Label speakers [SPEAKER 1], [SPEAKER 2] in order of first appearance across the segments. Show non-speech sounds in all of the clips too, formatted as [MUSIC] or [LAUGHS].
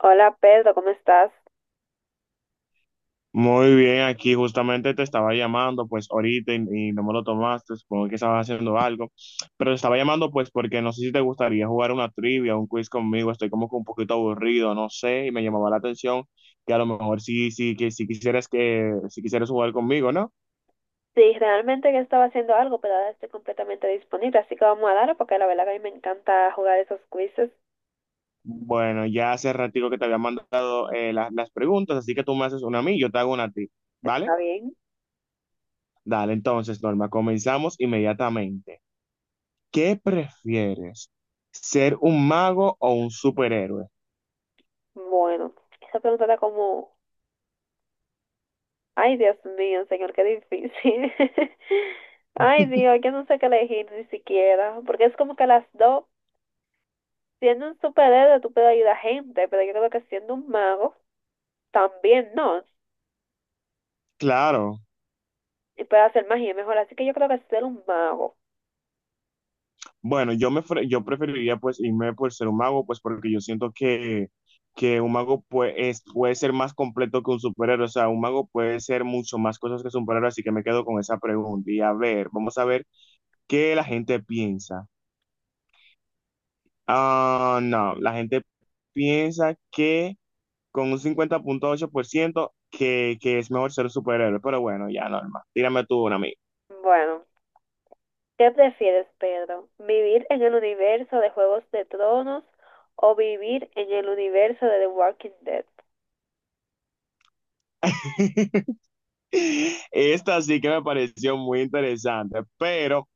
[SPEAKER 1] Hola Pedro, ¿cómo estás?
[SPEAKER 2] Muy bien, aquí justamente te estaba llamando pues ahorita y no me lo tomaste, supongo que estabas haciendo algo, pero te estaba llamando pues porque no sé si te gustaría jugar una trivia, un quiz conmigo, estoy como que un poquito aburrido, no sé, y me llamaba la atención que a lo mejor sí, sí, que si quisieras jugar conmigo, ¿no?
[SPEAKER 1] Sí, realmente que estaba haciendo algo, pero ahora estoy completamente disponible, así que vamos a darle porque la verdad que a mí me encanta jugar esos quizzes.
[SPEAKER 2] Bueno, ya hace ratito que te había mandado las preguntas, así que tú me haces una a mí, yo te hago una a ti, ¿vale?
[SPEAKER 1] Está bien.
[SPEAKER 2] Dale, entonces, Norma, comenzamos inmediatamente. ¿Qué prefieres? ¿Ser un mago o un superhéroe?
[SPEAKER 1] Bueno, esa pregunta está como, ay Dios mío, señor, qué difícil. [LAUGHS] Ay Dios, yo no sé qué elegir ni siquiera, porque es como que las dos, siendo un superhéroe tú puedes ayudar a gente, pero yo creo que siendo un mago también no,
[SPEAKER 2] Claro.
[SPEAKER 1] y puedes hacer magia mejor, así que yo creo que ser un mago.
[SPEAKER 2] Bueno, yo preferiría pues irme por ser un mago, pues porque yo siento que un mago puede ser más completo que un superhéroe. O sea, un mago puede ser mucho más cosas que un superhéroe, así que me quedo con esa pregunta. Y a ver, vamos a ver qué la gente piensa. Ah, no, la gente piensa que con un 50,8% que es mejor ser un superhéroe. Pero bueno, ya normal. Tírame tú una, amiga.
[SPEAKER 1] Bueno. ¿Qué prefieres, Pedro? ¿Vivir en el universo de Juegos de Tronos o vivir en el universo de The Walking Dead?
[SPEAKER 2] [LAUGHS] [LAUGHS] Esta sí que me pareció muy interesante, pero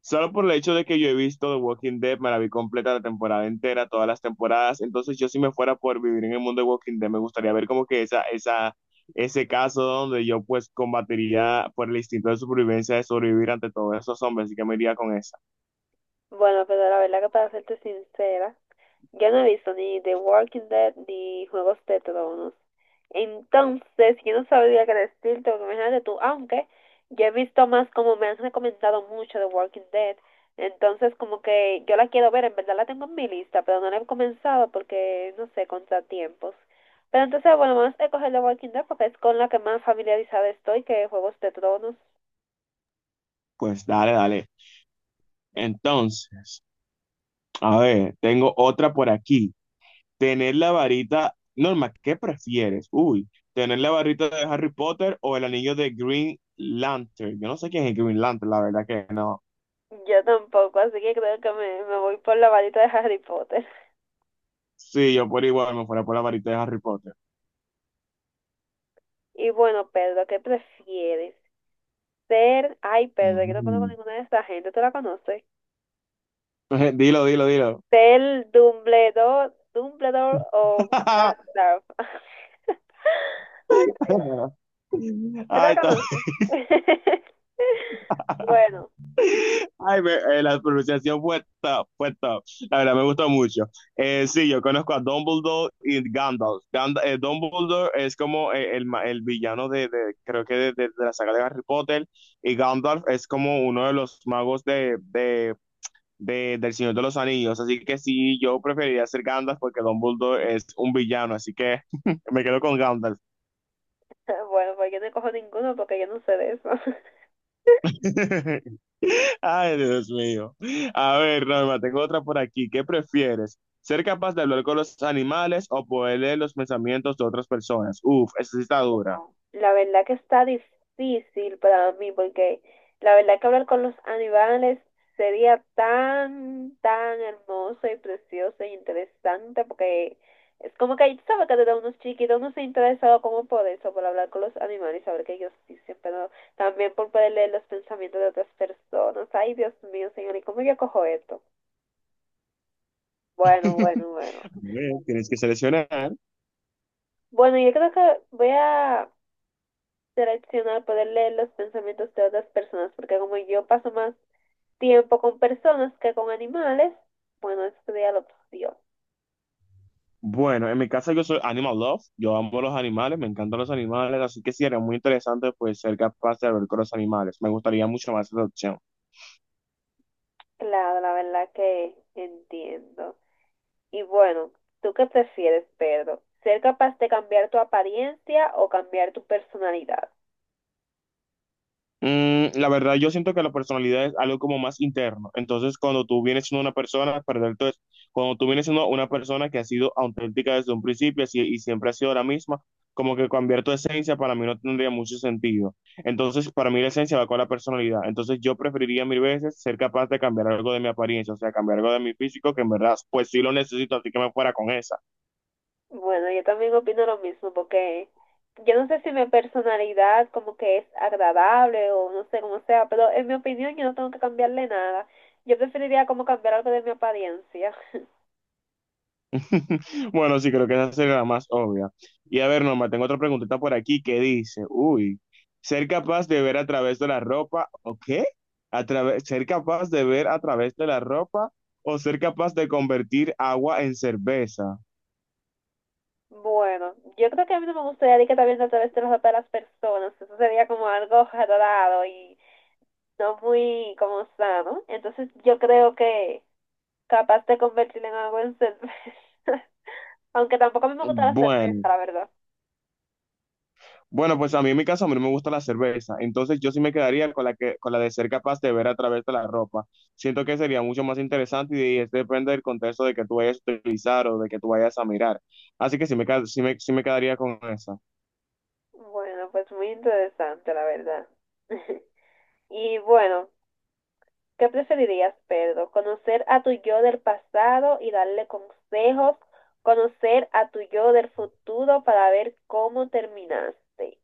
[SPEAKER 2] solo por el hecho de que yo he visto The Walking Dead, me la vi completa la temporada entera, todas las temporadas, entonces yo si me fuera por vivir en el mundo de Walking Dead, me gustaría ver como que ese caso donde yo pues combatiría por el instinto de supervivencia de sobrevivir ante todos esos hombres, así que me iría con esa.
[SPEAKER 1] Bueno, Pedro, la verdad que para serte sincera, yo no he visto ni The Walking Dead ni Juegos de Tronos. Entonces, yo no sabría qué decirte, porque imagínate tú, aunque yo he visto más como me han recomendado mucho The Walking Dead. Entonces, como que yo la quiero ver, en verdad la tengo en mi lista, pero no la he comenzado porque, no sé, contratiempos. Pero entonces, bueno, vamos a escoger The Walking Dead porque es con la que más familiarizada estoy que Juegos de Tronos.
[SPEAKER 2] Pues dale, dale. Entonces, a ver, tengo otra por aquí. Tener la varita, Norma, ¿qué prefieres? Uy, tener la varita de Harry Potter o el anillo de Green Lantern. Yo no sé quién es el Green Lantern, la verdad que no.
[SPEAKER 1] Yo tampoco, así que creo que me voy por la varita de Harry Potter.
[SPEAKER 2] Sí, yo por igual me fuera por la varita de Harry Potter.
[SPEAKER 1] Y bueno, Pedro, ¿qué prefieres? Ser, ay, perdón, que no conozco
[SPEAKER 2] Ujú.
[SPEAKER 1] ninguna de esta gente, ¿tú la conoces?
[SPEAKER 2] [LAUGHS] Dilo, dilo, dilo.
[SPEAKER 1] Ser Dumbledore o
[SPEAKER 2] [LAUGHS]
[SPEAKER 1] Gandalf. [LAUGHS] Ay, Dios, ¿tú la
[SPEAKER 2] Ay, está.
[SPEAKER 1] conoces? [LAUGHS] Bueno,
[SPEAKER 2] La pronunciación fue top, fue top. La verdad, me gustó mucho. Sí, yo conozco a Dumbledore y Gandalf. Dumbledore es como el villano creo que de la saga de Harry Potter, y Gandalf es como uno de los magos del Señor de los Anillos. Así que sí, yo preferiría ser Gandalf porque Dumbledore es un villano, así que [LAUGHS] me quedo con Gandalf.
[SPEAKER 1] [LAUGHS] bueno, pues yo no cojo ninguno porque yo no sé de eso.
[SPEAKER 2] [LAUGHS] Ay, Dios mío. A ver, Norma, tengo otra por aquí. ¿Qué prefieres? ¿Ser capaz de hablar con los animales o poder leer los pensamientos de otras personas? Uf, esa sí está dura.
[SPEAKER 1] La verdad que está difícil para mí porque la verdad que hablar con los animales sería tan, tan hermoso y precioso e interesante porque es como que tú sabes que desde unos chiquitos no se ha interesado como por eso, por hablar con los animales, y saber que ellos dicen, pero también por poder leer los pensamientos de otras personas. Ay, Dios mío, señor, ¿y cómo yo cojo esto? Bueno,
[SPEAKER 2] [LAUGHS]
[SPEAKER 1] bueno, bueno.
[SPEAKER 2] Bueno, tienes que seleccionar.
[SPEAKER 1] Bueno, yo creo que voy a seleccionar, poder leer los pensamientos de otras personas, porque como yo paso más tiempo con personas que con animales, bueno, eso ya lo opción.
[SPEAKER 2] Bueno, en mi caso yo soy animal love, yo amo los animales, me encantan los animales, así que sí, era muy interesante pues ser capaz de hablar con los animales. Me gustaría mucho más esa opción.
[SPEAKER 1] Claro, la verdad que entiendo. Y bueno, ¿tú qué prefieres, Pedro? ¿Ser capaz de cambiar tu apariencia o cambiar tu personalidad?
[SPEAKER 2] Mm, la verdad, yo siento que la personalidad es algo como más interno. Entonces, cuando tú vienes siendo una persona, perdón, entonces, cuando tú vienes siendo una persona que ha sido auténtica desde un principio y siempre ha sido la misma, como que cambiar tu esencia para mí no tendría mucho sentido. Entonces, para mí la esencia va con la personalidad. Entonces, yo preferiría mil veces ser capaz de cambiar algo de mi apariencia, o sea, cambiar algo de mi físico, que en verdad, pues sí lo necesito, así que me fuera con esa.
[SPEAKER 1] Bueno, yo también opino lo mismo, porque yo no sé si mi personalidad como que es agradable o no sé cómo sea, pero en mi opinión yo no tengo que cambiarle nada. Yo preferiría como cambiar algo de mi apariencia. [LAUGHS]
[SPEAKER 2] [LAUGHS] Bueno, sí, creo que esa será la más obvia. Y a ver, Norma, tengo otra preguntita por aquí que dice, uy, ser capaz de ver a través de la ropa, ¿o qué? A través, ser capaz de ver a través de la ropa o ser capaz de convertir agua en cerveza.
[SPEAKER 1] Bueno, yo creo que a mí no me gustaría de que también a través de los ojos de las personas. Eso sería como algo raro y no muy como sano. Entonces yo creo que capaz de convertirlo en algo en cerveza. [LAUGHS] Aunque tampoco a mí me gusta la
[SPEAKER 2] Bueno.
[SPEAKER 1] cerveza, la verdad.
[SPEAKER 2] Bueno, pues a mí en mi caso, a mí no me gusta la cerveza, entonces yo sí me quedaría con con la de ser capaz de ver a través de la ropa. Siento que sería mucho más interesante y depende del contexto de que tú vayas a utilizar o de que tú vayas a mirar. Así que sí me, ca- sí me quedaría con esa.
[SPEAKER 1] Bueno, pues muy interesante, la verdad. [LAUGHS] Y bueno, ¿qué preferirías, Pedro? ¿Conocer a tu yo del pasado y darle consejos? ¿Conocer a tu yo del futuro para ver cómo terminaste?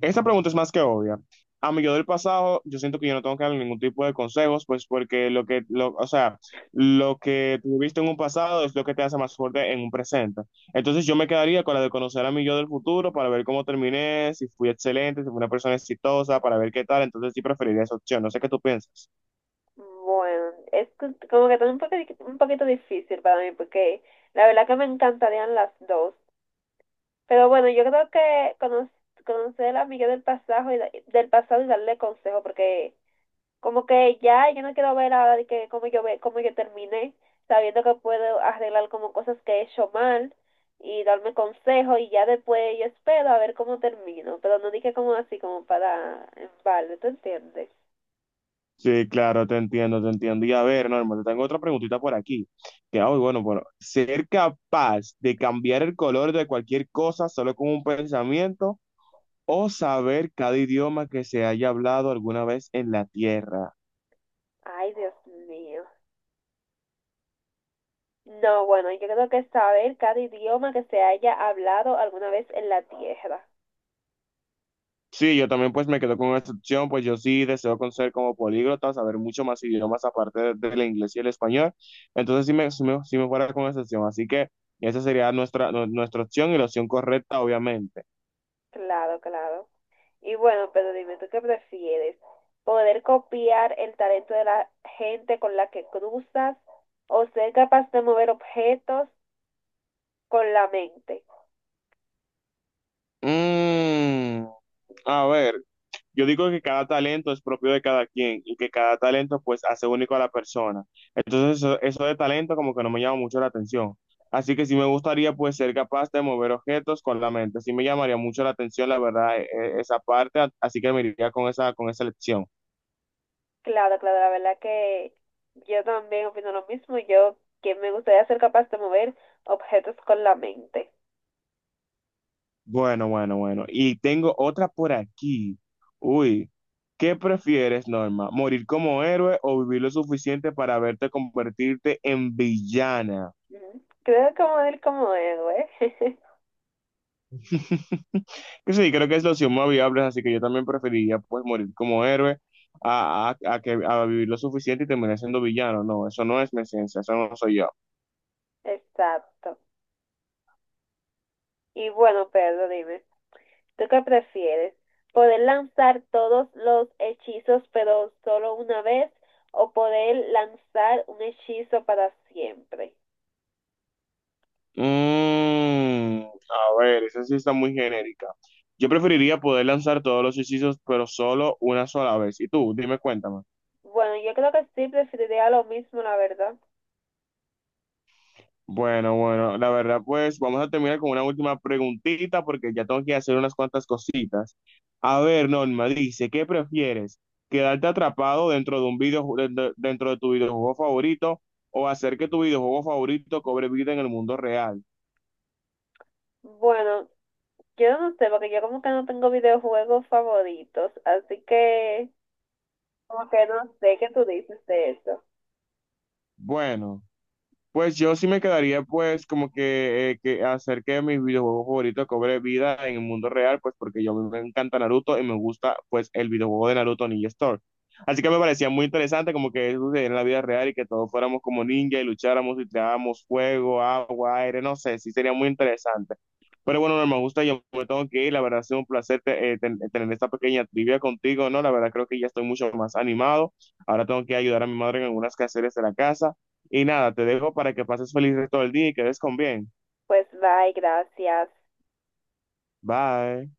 [SPEAKER 2] Esta pregunta es más que obvia. A mi yo del pasado, yo siento que yo no tengo que darle ningún tipo de consejos, pues porque o sea, lo que tuviste en un pasado es lo que te hace más fuerte en un presente. Entonces yo me quedaría con la de conocer a mi yo del futuro para ver cómo terminé, si fui excelente, si fui una persona exitosa, para ver qué tal. Entonces sí preferiría esa opción. No sé qué tú piensas.
[SPEAKER 1] Bueno, como que también un poquito difícil para mí porque la verdad que me encantarían las dos. Pero bueno, yo creo que conocer a mi yo del pasado y, del pasado y darle consejo porque... Como que ya, yo no quiero ver ahora de que cómo yo cómo yo terminé, sabiendo que puedo arreglar como cosas que he hecho mal y darme consejo y ya después yo espero a ver cómo termino, pero no dije como así como para en balde, ¿tú entiendes?
[SPEAKER 2] Sí, claro, te entiendo, te entiendo. Y a ver, Norma, te tengo otra preguntita por aquí. Que, ay, bueno, bueno, ser capaz de cambiar el color de cualquier cosa solo con un pensamiento o saber cada idioma que se haya hablado alguna vez en la tierra.
[SPEAKER 1] Ay, Dios mío. No, bueno, yo creo que saber cada idioma que se haya hablado alguna vez en la tierra.
[SPEAKER 2] Sí, yo también pues me quedo con esta opción, pues yo sí deseo conocer como políglota, saber mucho más idiomas aparte del inglés y el español, entonces sí me fuera con esa opción, así que esa sería nuestra opción y la opción correcta, obviamente.
[SPEAKER 1] Claro, claro. Y bueno, pero dime, ¿tú qué prefieres? ¿Poder copiar el talento de la gente con la que cruzas o ser capaz de mover objetos con la mente?
[SPEAKER 2] Mm, a ver. Yo digo que cada talento es propio de cada quien y que cada talento pues hace único a la persona. Entonces eso de talento como que no me llama mucho la atención. Así que sí me gustaría pues ser capaz de mover objetos con la mente. Sí me llamaría mucho la atención, la verdad, esa parte. Así que me iría con esa elección.
[SPEAKER 1] Claro, claro, la verdad que yo también opino lo mismo. Yo que me gustaría ser capaz de mover objetos con la mente.
[SPEAKER 2] Bueno, bueno, bueno. Y tengo otra por aquí. Uy, ¿qué prefieres, Norma? ¿Morir como héroe o vivir lo suficiente para verte convertirte en villana?
[SPEAKER 1] Ujú. Creo que morir como héroe. [LAUGHS]
[SPEAKER 2] [LAUGHS] Que sí, creo que es la opción más viable, así que yo también preferiría pues morir como héroe a vivir lo suficiente y terminar siendo villano. No, eso no es mi esencia, eso no soy yo.
[SPEAKER 1] Exacto. Y bueno, Pedro, dime. ¿Tú qué prefieres? ¿Poder lanzar todos los hechizos pero solo una vez o poder lanzar un hechizo para siempre?
[SPEAKER 2] Mm, a ver, esa sí está muy genérica. Yo preferiría poder lanzar todos los hechizos, pero solo una sola vez. Y tú, dime, cuéntame.
[SPEAKER 1] Bueno, yo creo que sí preferiría lo mismo, la verdad.
[SPEAKER 2] Bueno, bueno, la verdad, pues vamos a terminar con una última preguntita porque ya tengo que hacer unas cuantas cositas. A ver, Norma, dice, ¿qué prefieres? ¿Quedarte atrapado dentro de un dentro de tu videojuego favorito o hacer que tu videojuego favorito cobre vida en el mundo real?
[SPEAKER 1] Bueno, yo no sé, porque yo como que no tengo videojuegos favoritos, así que como que no sé qué tú dices de eso.
[SPEAKER 2] Bueno. Pues yo sí me quedaría pues como que hacer que mis videojuegos favoritos cobre vida en el mundo real, pues porque yo me encanta Naruto y me gusta pues el videojuego de Naruto Ninja Storm. Así que me parecía muy interesante como que eso sucediera en la vida real y que todos fuéramos como ninja y lucháramos y tirábamos fuego, agua, aire, no sé, sí sería muy interesante. Pero bueno, Norma, gusta, yo me tengo que ir, la verdad ha sido un placer tener esta pequeña trivia contigo, ¿no? La verdad creo que ya estoy mucho más animado. Ahora tengo que ayudar a mi madre en algunas quehaceres de la casa. Y nada, te dejo para que pases feliz todo el día y que des con bien.
[SPEAKER 1] Pues bye, gracias.
[SPEAKER 2] Bye.